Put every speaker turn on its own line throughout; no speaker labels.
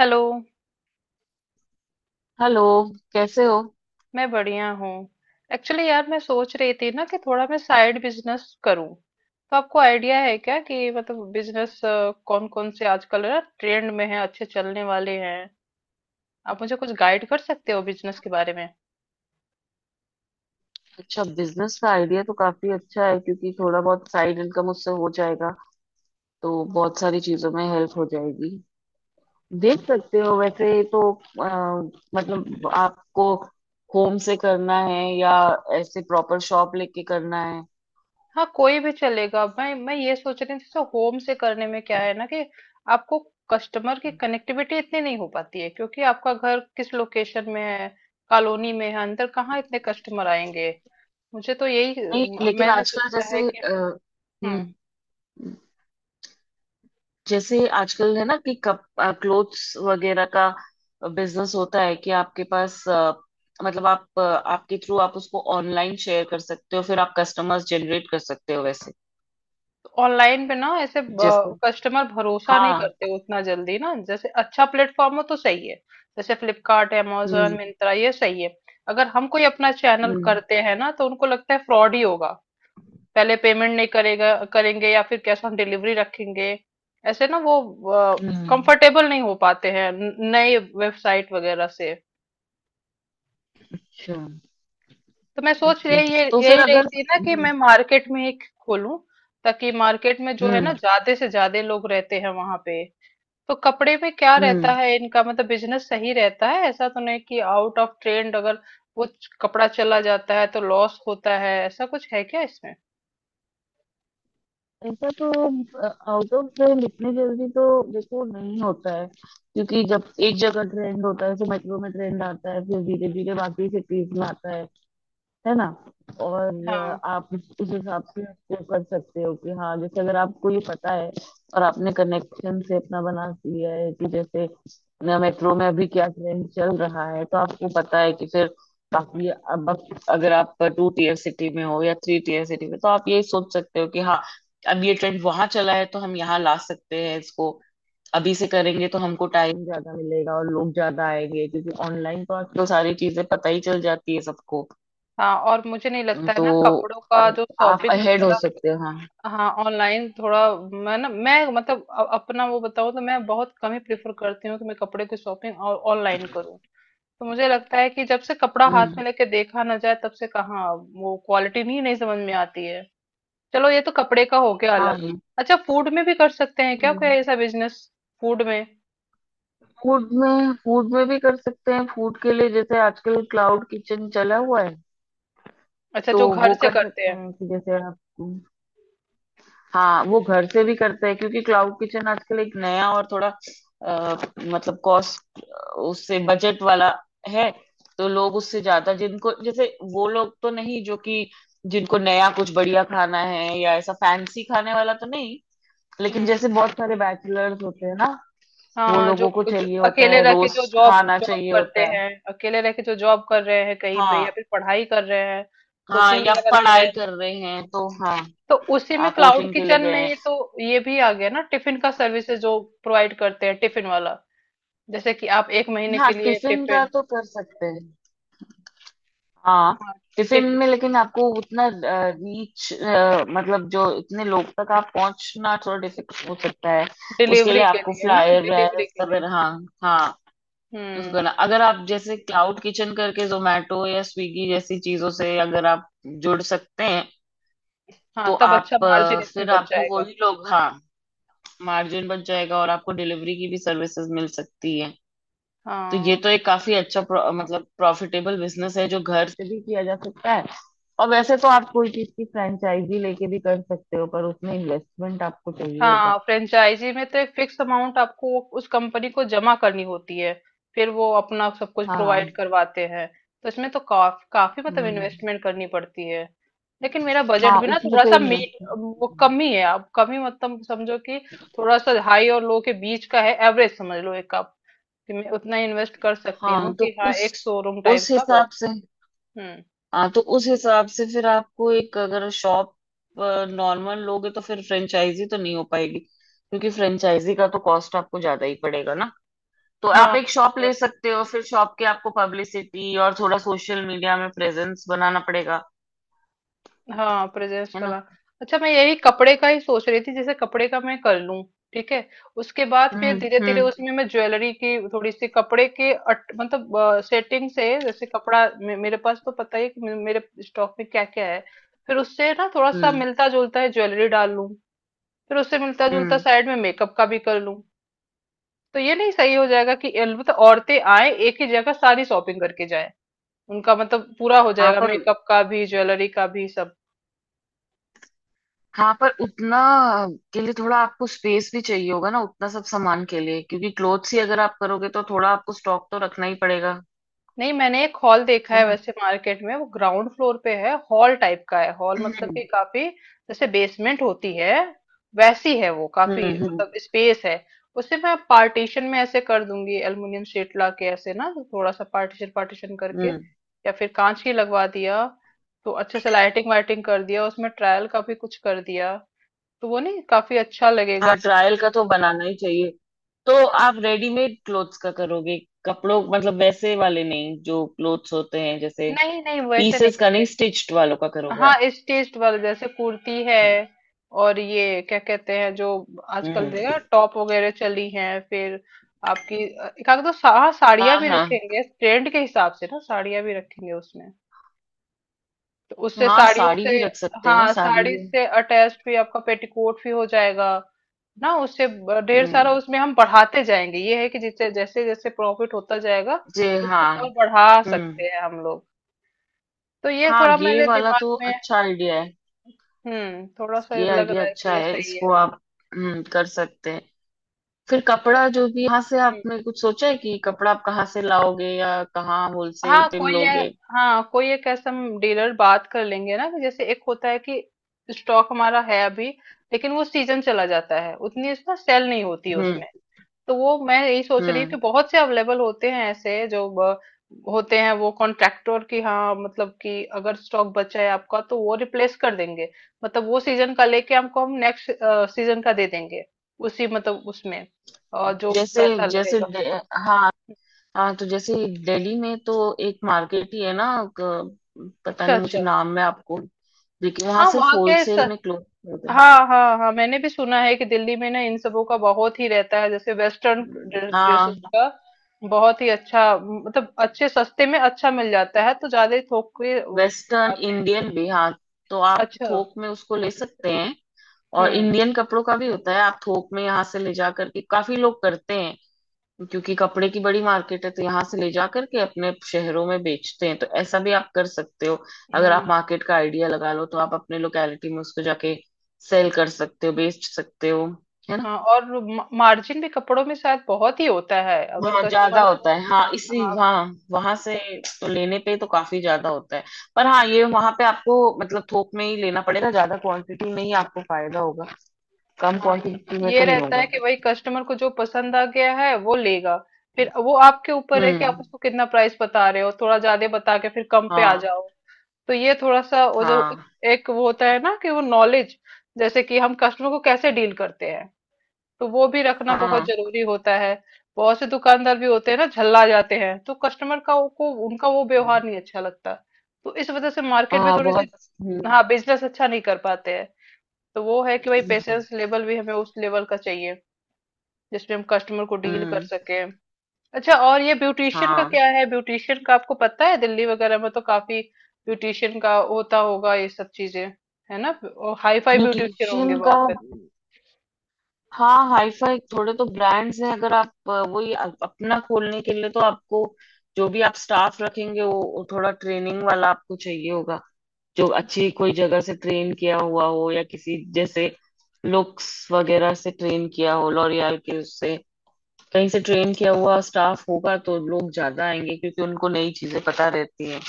Hello.
Hello. कैसे हो?
मैं बढ़िया हूँ। एक्चुअली यार मैं सोच रही थी ना कि थोड़ा मैं साइड बिजनेस करूँ। तो आपको आइडिया है क्या कि मतलब बिजनेस कौन कौन से आजकल ना ट्रेंड में है, अच्छे चलने वाले हैं? आप मुझे कुछ गाइड कर सकते हो बिजनेस के बारे में?
अच्छा, बिजनेस का आइडिया तो काफी अच्छा है क्योंकि थोड़ा बहुत साइड इनकम उससे हो जाएगा। तो बहुत सारी चीजों में हेल्प हो जाएगी। देख सकते हो, वैसे तो मतलब आपको होम से करना है या ऐसे प्रॉपर शॉप लेके करना है।
हाँ, कोई भी चलेगा। मैं ये सोच रही थी जैसे होम से करने में क्या है ना कि आपको कस्टमर की कनेक्टिविटी इतनी नहीं हो पाती है, क्योंकि आपका घर किस लोकेशन में है, कॉलोनी में है अंदर, कहाँ इतने कस्टमर आएंगे। मुझे तो यही
नहीं, लेकिन
मैंने
आजकल
सोचा है
जैसे
कि। हम्म।
हम्म, जैसे आजकल है ना कि कप क्लोथ्स वगैरह का बिजनेस होता है कि आपके पास मतलब आप आपके थ्रू आप उसको ऑनलाइन शेयर कर सकते हो, फिर आप कस्टमर्स जनरेट कर सकते हो वैसे
तो ऑनलाइन पे ना ऐसे
जैसे।
कस्टमर भरोसा नहीं
हाँ।
करते उतना जल्दी ना, जैसे अच्छा प्लेटफॉर्म हो तो सही है। जैसे फ्लिपकार्ट amazon
हम्म।
मिंत्रा ये सही है। अगर हम कोई अपना चैनल
हम्म।
करते हैं ना तो उनको लगता है फ्रॉड ही होगा, पहले पेमेंट नहीं करेगा करेंगे या फिर कैश ऑन डिलीवरी रखेंगे, ऐसे ना। वो
हम्म,
कंफर्टेबल नहीं हो पाते हैं नए वेबसाइट वगैरह से।
अच्छा,
तो मैं सोच
ओके।
रही ये
तो फिर
यही रही
अगर
थी ना कि मैं मार्केट में ही खोलूं, ताकि मार्केट में जो है ना
हम्म
ज्यादा से ज्यादा लोग रहते हैं वहां पे। तो कपड़े में क्या
हम्म।
रहता है इनका, मतलब बिजनेस सही रहता है? ऐसा तो नहीं कि आउट ऑफ ट्रेंड अगर वो कपड़ा चला जाता है तो लॉस होता है, ऐसा कुछ है क्या इसमें?
ऐसा तो आउट ऑफ ट्रेंड इतनी जल्दी तो देखो नहीं होता है, क्योंकि जब एक जगह ट्रेंड होता है तो मेट्रो में ट्रेंड आता है, फिर धीरे धीरे बाकी सिटीज में आता है ना। और
हाँ।
आप उस हिसाब से उसको कर सकते हो कि हाँ, जैसे अगर आपको ये पता है और आपने कनेक्शन से अपना बना लिया है कि जैसे मेट्रो में अभी क्या ट्रेंड चल रहा है, तो आपको पता है कि फिर बाकी अब अगर आप टू टीयर सिटी में हो या थ्री टीयर सिटी में, तो आप ये सोच सकते हो कि हाँ, अब ये ट्रेंड वहां चला है तो हम यहाँ ला सकते हैं इसको। अभी से करेंगे तो हमको टाइम ज्यादा मिलेगा और लोग ज्यादा आएंगे, क्योंकि ऑनलाइन तो आजकल सारी चीजें पता ही चल जाती है सबको।
हाँ, और मुझे नहीं लगता है
तो
ना कपड़ों का जो
आप
शॉपिंग
अहेड हो
वगैरह।
सकते हो, हाँ।
हाँ ऑनलाइन थोड़ा। मैं ना मैं मतलब अपना वो बताऊँ तो मैं बहुत कम ही प्रेफर करती हूँ कि मैं कपड़े की शॉपिंग ऑनलाइन करूँ। तो मुझे लगता है कि जब से कपड़ा हाथ
हम्म।
में लेके देखा ना जाए तब से कहाँ वो क्वालिटी नहीं नहीं समझ में आती है। चलो ये तो कपड़े का हो गया
हाँ,
अलग।
ये
अच्छा, फूड में भी कर सकते हैं क्या कोई ऐसा बिजनेस, फूड में?
फूड में, फूड में भी कर सकते हैं। फूड के लिए जैसे आजकल क्लाउड किचन चला हुआ है।
अच्छा,
तो
जो घर
वो
से
कर
करते
सकते
हैं।
हैं कि जैसे आप, हाँ वो घर से भी करते हैं क्योंकि क्लाउड किचन आजकल एक नया और थोड़ा मतलब कॉस्ट उससे बजट वाला है। तो लोग उससे ज्यादा जिनको जैसे, वो लोग तो नहीं जो कि जिनको नया कुछ बढ़िया खाना है या ऐसा फैंसी खाने वाला तो नहीं, लेकिन
हम्म।
जैसे बहुत सारे बैचलर्स होते हैं ना, वो
हाँ, जो,
लोगों को
जो
चाहिए होता
अकेले
है,
रह के जो
रोस्ट
जॉब
खाना
जॉब
चाहिए
करते
होता है।
हैं, अकेले रह के जो जॉब कर रहे हैं कहीं पे, या
हाँ।
फिर पढ़ाई कर रहे हैं,
हाँ,
कोचिंग
या
वगैरह ले रहे
पढ़ाई
हैं।
कर रहे हैं तो हाँ।
तो उसी में
हाँ,
क्लाउड
कोचिंग के लिए
किचन
गए
में
हैं।
ये तो ये भी आ गया ना, टिफिन का सर्विसेज जो प्रोवाइड करते हैं, टिफिन वाला। जैसे कि आप एक महीने
हाँ,
के लिए
टिफिन का
टिफिन।
तो कर सकते हैं। हाँ,
हाँ
टिफिन में
टिफिन।
लेकिन आपको उतना रीच, मतलब जो इतने लोग तक आप पहुंचना थोड़ा डिफिकल्ट हो सकता है। उसके
डिलीवरी
लिए
के
आपको
लिए ना,
फ्लायर व्लायर
डिलीवरी के
सब,
लिए।
हाँ। हाँ, उसको
हम्म।
करना। अगर आप जैसे क्लाउड किचन करके जोमेटो या स्विगी जैसी चीजों से अगर आप जुड़ सकते हैं, तो
हाँ तब अच्छा
आप
मार्जिन इसमें
फिर
बच
आपको
जाएगा।
वही लोग, हाँ, मार्जिन बच जाएगा और आपको डिलीवरी की भी सर्विसेज मिल सकती है। तो ये
हाँ।
तो एक काफी अच्छा मतलब प्रॉफिटेबल बिजनेस है जो घर से भी किया जा सकता है। और वैसे तो आप कोई चीज की फ्रेंचाइजी लेके भी कर सकते हो, पर उसमें इन्वेस्टमेंट आपको चाहिए होगा।
हाँ, फ्रेंचाइजी में तो एक फिक्स अमाउंट आपको उस कंपनी को जमा करनी होती है, फिर वो अपना सब कुछ प्रोवाइड
हाँ।
करवाते हैं। तो इसमें तो काफी मतलब
हम्म।
इन्वेस्टमेंट करनी पड़ती है। लेकिन मेरा बजट
हाँ,
भी ना
उसमें
थोड़ा
तो
सा मीट,
इन्वेस्टमेंट,
वो कम ही है। आप कम ही मतलब समझो कि थोड़ा सा हाई और लो के बीच का है, एवरेज समझ लो एक। आप कि मैं उतना इन्वेस्ट कर सकती हूँ
हाँ तो
कि हाँ एक शोरूम टाइप
उस
का बस।
हिसाब से,
हम्म।
हाँ तो उस हिसाब से फिर आपको एक अगर शॉप नॉर्मल लोगे तो फिर फ्रेंचाइजी तो नहीं हो पाएगी, क्योंकि फ्रेंचाइजी का तो कॉस्ट आपको ज्यादा ही पड़ेगा ना। तो आप
हाँ
एक शॉप
तो
ले सकते हो, फिर शॉप के आपको पब्लिसिटी और थोड़ा सोशल मीडिया में प्रेजेंस बनाना पड़ेगा,
हाँ प्रेजेंस
है
वाला।
ना।
अच्छा, मैं यही कपड़े का ही सोच रही थी, जैसे कपड़े का मैं कर लूं, ठीक है, उसके बाद फिर
हम्म।
धीरे धीरे
हम्म।
उसमें मैं ज्वेलरी की थोड़ी सी कपड़े के मतलब सेटिंग से, जैसे कपड़ा मेरे पास तो पता ही है कि मेरे स्टॉक में क्या क्या है। फिर उससे ना थोड़ा सा
हम्म।
मिलता जुलता है ज्वेलरी डाल लूं। फिर उससे मिलता जुलता
हम्म।
साइड में मेकअप का भी कर लूं। तो ये नहीं सही हो जाएगा कि मतलब औरतें आए एक ही जगह सारी शॉपिंग करके जाए, उनका मतलब पूरा हो
हाँ
जाएगा,
पर,
मेकअप का भी ज्वेलरी का भी।
हाँ पर उतना के लिए थोड़ा आपको स्पेस भी चाहिए होगा ना, उतना सब सामान के लिए, क्योंकि क्लोथ्स ही अगर आप करोगे तो थोड़ा आपको स्टॉक तो रखना ही पड़ेगा,
नहीं, मैंने एक हॉल देखा
है
है
ना।
वैसे मार्केट में, वो ग्राउंड फ्लोर पे है, हॉल टाइप का है, हॉल मतलब
हम्म।
कि काफी, जैसे बेसमेंट होती है वैसी है, वो काफी
हम्म। हम्म।
मतलब स्पेस है। उसे मैं पार्टीशन में ऐसे कर दूंगी एल्युमिनियम शीट ला के, ऐसे ना थोड़ा सा पार्टीशन पार्टीशन करके,
हम्म।
या फिर कांच की लगवा दिया, तो अच्छे से लाइटिंग वाइटिंग कर दिया, उसमें ट्रायल का भी कुछ कर दिया तो वो नहीं काफी अच्छा लगेगा।
हाँ, ट्रायल का तो बनाना ही चाहिए। तो
हाँ।
आप रेडीमेड क्लोथ्स का करोगे? कपड़ों मतलब वैसे वाले नहीं जो क्लोथ्स होते हैं जैसे
नहीं नहीं वैसे नहीं।
पीसेस का, नहीं स्टिच्ड वालों का करोगे
हाँ
आप?
स्टिच्ड वाले, जैसे कुर्ती है,
हम्म।
और ये क्या कहते हैं जो आजकल
हम्म।
देखा, टॉप वगैरह चली हैं, फिर आपकी एक आध तो हाँ,
हाँ
साड़ियाँ भी
हाँ।
रखेंगे, ट्रेंड के हिसाब से ना साड़ियाँ भी रखेंगे उसमें। तो उससे
हाँ,
साड़ियों
साड़ी
से,
भी रख सकते हैं,
हाँ
साड़ी
साड़ी
भी।
से अटैच भी आपका पेटीकोट भी हो जाएगा ना, उससे ढेर
हम्म,
सारा उसमें हम बढ़ाते जाएंगे, ये है कि जिससे जैसे जैसे प्रॉफिट होता जाएगा
जी
उसको
हाँ।
और बढ़ा सकते
हम्म।
हैं हम लोग। तो ये
हाँ,
थोड़ा
ये
मेरे
वाला
दिमाग
तो
में।
अच्छा आइडिया है।
हम्म। थोड़ा सा
ये
लग
आइडिया
रहा है कि
अच्छा
ये
है,
सही है।
इसको आप, हम्म, कर सकते हैं। फिर
अच्छा,
कपड़ा जो भी, यहाँ से
हम्म,
आपने कुछ सोचा है कि कपड़ा आप कहाँ से लाओगे या कहाँ
हाँ
होलसेल पे
कोई है।
मिलोगे?
हाँ कोई एक ऐसा हम डीलर बात कर लेंगे ना, कि जैसे एक होता है कि स्टॉक हमारा है अभी, लेकिन वो सीजन चला जाता है, उतनी इसमें सेल नहीं होती है
हम्म।
उसमें। तो वो मैं यही सोच रही हूँ कि
हम्म।
बहुत से अवेलेबल होते हैं ऐसे जो होते हैं, वो कॉन्ट्रैक्टर की, हाँ, मतलब कि अगर स्टॉक बचा है आपका तो वो रिप्लेस कर देंगे, मतलब वो सीजन का लेके हमको हम नेक्स्ट सीजन का दे देंगे, उसी मतलब उसमें, और जो
जैसे
पैसा
जैसे
लगेगा।
दे- हाँ। हाँ, तो जैसे दिल्ली में तो एक मार्केट ही है ना, क- पता
अच्छा
नहीं, मुझे
अच्छा।
नाम है आपको, लेकिन वहां
हाँ
सिर्फ
वहाँ के
होलसेल में क्लोथ मिलते हैं।
हाँ हाँ हाँ, मैंने भी सुना है कि दिल्ली में ना इन सबों का बहुत ही रहता है, जैसे वेस्टर्न ड्रेसेस
हाँ।
का बहुत ही अच्छा, मतलब अच्छे सस्ते में अच्छा मिल जाता है तो ज्यादा थोक के वो।
वेस्टर्न इंडियन भी, हाँ। तो आप
अच्छा,
थोक में उसको ले सकते हैं। और
हुँ,
इंडियन कपड़ों का भी होता है, आप थोक में यहाँ से ले जा करके काफी लोग करते हैं, क्योंकि कपड़े की बड़ी मार्केट है। तो यहाँ से ले जा करके अपने शहरों में बेचते हैं, तो ऐसा भी आप कर सकते हो। अगर
हाँ,
आप मार्केट का आइडिया लगा लो तो आप अपने लोकेलिटी में उसको जाके सेल कर सकते हो, बेच सकते हो, है ना।
हाँ, और मा मार्जिन भी कपड़ों में शायद बहुत ही होता है, अगर
वहाँ ज्यादा
कस्टमर को।
होता है, हाँ, इसी,
हाँ,
हाँ वहां से तो लेने पे तो काफी ज्यादा होता है। पर हाँ, ये वहां पे आपको मतलब थोक में ही लेना पड़ेगा, ज्यादा क्वांटिटी में ही आपको फायदा होगा, कम
हाँ, ये
क्वांटिटी में तो
ये
नहीं
रहता
होगा।
है कि भाई कस्टमर को जो पसंद आ गया है वो लेगा, फिर वो आपके ऊपर है कि आप
हम्म।
उसको कितना प्राइस बता रहे हो, थोड़ा ज़्यादा बता के फिर कम पे आ
हाँ।
जाओ, तो ये थोड़ा-सा वो, जो
हाँ।
एक वो होता है ना कि वो नॉलेज, जैसे कि हम कस्टमर को कैसे डील करते हैं। तो वो भी रखना बहुत
हाँ।
जरूरी होता है। बहुत से दुकानदार भी होते हैं ना झल्ला जाते हैं, तो कस्टमर का को उनका वो व्यवहार नहीं अच्छा लगता, तो इस वजह से मार्केट में
हाँ,
थोड़ी सी।
बहुत। हम्म।
हाँ बिजनेस अच्छा नहीं कर पाते हैं। तो वो है कि भाई पेशेंस लेवल भी हमें उस लेवल का चाहिए जिसमें हम कस्टमर को डील कर
हम्म।
सके। अच्छा, और ये ब्यूटिशियन का
हाँ,
क्या है? ब्यूटिशियन का आपको पता है दिल्ली वगैरह में तो काफी ब्यूटिशियन का होता होगा, ये सब चीजें, है ना, और हाई फाई ब्यूटिशियन होंगे
ब्यूटिशियन का,
वहां।
हाँ, हाईफाई थोड़े तो ब्रांड्स हैं। अगर आप वही अपना खोलने के लिए, तो आपको जो भी आप स्टाफ रखेंगे वो थोड़ा ट्रेनिंग वाला आपको चाहिए होगा, जो अच्छी कोई जगह से ट्रेन किया हुआ हो या किसी जैसे लुक्स वगैरह से ट्रेन किया हो, लॉरियल के उससे कहीं से ट्रेन किया हुआ स्टाफ होगा तो लोग ज्यादा आएंगे, क्योंकि उनको नई चीजें पता रहती हैं।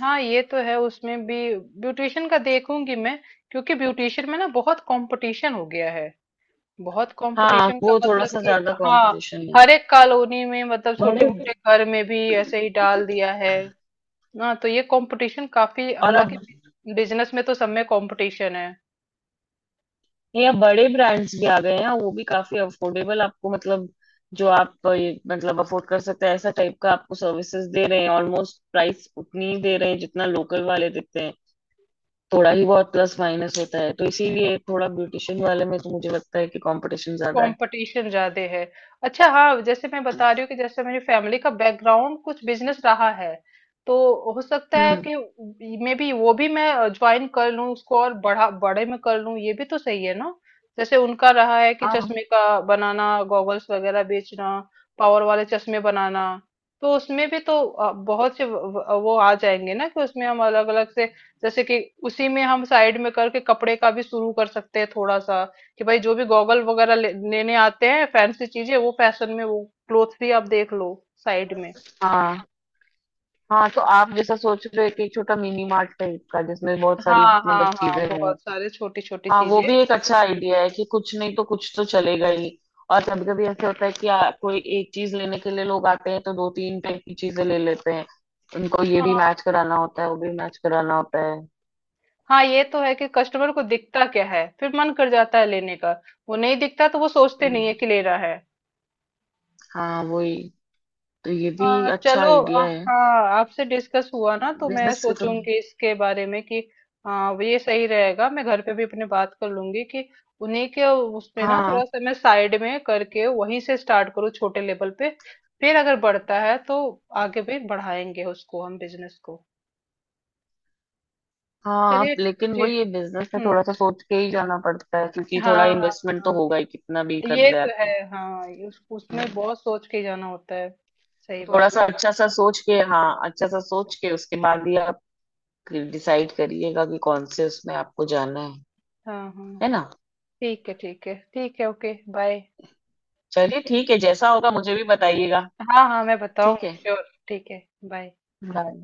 हाँ ये तो है, उसमें भी ब्यूटिशियन का देखूंगी मैं, क्योंकि ब्यूटिशियन में ना बहुत कंपटीशन हो गया है, बहुत
हाँ,
कंपटीशन, का
वो थोड़ा
मतलब
सा
कि
ज्यादा
हाँ
कंपटीशन है।
हर एक कॉलोनी में मतलब छोटे मोटे
बड़े,
घर में भी ऐसे ही डाल दिया है ना, तो ये कंपटीशन काफी,
और अब
हालांकि बिजनेस में तो सब में कंपटीशन है।
ये अब बड़े ब्रांड्स भी आ गए हैं, वो भी काफी अफोर्डेबल आपको, मतलब जो आप मतलब अफोर्ड कर सकते हैं, ऐसा टाइप का आपको सर्विसेज दे रहे हैं। ऑलमोस्ट प्राइस उतनी ही दे रहे हैं जितना लोकल वाले देते हैं, थोड़ा ही बहुत प्लस माइनस होता है। तो इसीलिए थोड़ा ब्यूटिशियन वाले में तो मुझे लगता है कि कंपटीशन ज्यादा है।
कंपटीशन ज्यादा है। अच्छा हाँ, जैसे मैं बता रही हूँ कि जैसे मेरी फैमिली का बैकग्राउंड कुछ बिजनेस रहा है, तो हो सकता है
हम्म।
कि मे बी वो भी मैं ज्वाइन कर लूँ उसको और बड़ा बड़े में कर लूँ, ये भी तो सही है ना। जैसे उनका रहा है कि
हाँ।
चश्मे का बनाना, गॉगल्स वगैरह बेचना, पावर वाले चश्मे बनाना, तो उसमें भी तो बहुत से वो आ जाएंगे ना कि उसमें हम अलग अलग से, जैसे कि उसी में हम साइड में करके कपड़े का भी शुरू कर सकते हैं थोड़ा सा, कि भाई जो भी गॉगल वगैरह लेने आते हैं फैंसी चीजें, वो फैशन में वो क्लोथ भी आप देख लो साइड में।
हाँ। हाँ, तो आप जैसा सोच रहे हो कि एक छोटा मिनी मार्ट टाइप का जिसमें बहुत सारी
हाँ
मतलब
हाँ हाँ,
चीजें हों,
बहुत सारे छोटी छोटी
हाँ, वो
चीजें।
भी एक अच्छा आइडिया है कि कुछ नहीं तो कुछ तो चलेगा ही। और कभी कभी ऐसे होता है कि कोई एक चीज लेने के लिए लोग आते हैं तो दो तीन टाइप की चीजें ले लेते हैं, उनको ये भी
हाँ
मैच कराना होता है, वो भी मैच कराना होता है।
हाँ ये तो है कि कस्टमर को दिखता क्या है फिर मन कर जाता है लेने का, वो नहीं दिखता तो वो सोचते नहीं
हम्म,
है कि लेना है।
हाँ, वही, तो ये भी
हाँ
अच्छा
चलो
आइडिया है।
हाँ आपसे डिस्कस हुआ ना तो मैं
बिजनेस के तो
सोचूंगी इसके बारे में कि हाँ वो ये सही रहेगा। मैं घर पे भी अपने बात कर लूंगी कि उन्हीं के उसमें ना
हाँ,
थोड़ा सा मैं साइड में करके वहीं से स्टार्ट करूँ छोटे लेवल पे, फिर अगर बढ़ता है तो आगे भी बढ़ाएंगे उसको, हम बिजनेस को।
हाँ,
चलिए।
लेकिन
ठीक।
वही ये बिजनेस में थोड़ा
हम्म।
सा सोच के ही जाना पड़ता है, क्योंकि थोड़ा
हाँ हाँ।
इन्वेस्टमेंट तो
हाँ
होगा ही, कितना भी कर
ये
ले
तो
आते
है।
हैं।
हाँ ये उसमें बहुत सोच के जाना होता है।
तो
सही
थोड़ा
बात।
सा अच्छा सा सोच के, हाँ, अच्छा सा सोच के उसके बाद ही डिसाइड करिएगा कि कौन से उसमें आपको जाना है
हाँ हाँ।
है ना।
ठीक है ठीक है ठीक है, ओके बाय।
चलिए, ठीक है, जैसा होगा मुझे भी बताइएगा।
हाँ, हाँ, मैं
ठीक
बताऊँगी
है,
श्योर। ठीक है, बाय।
बाय।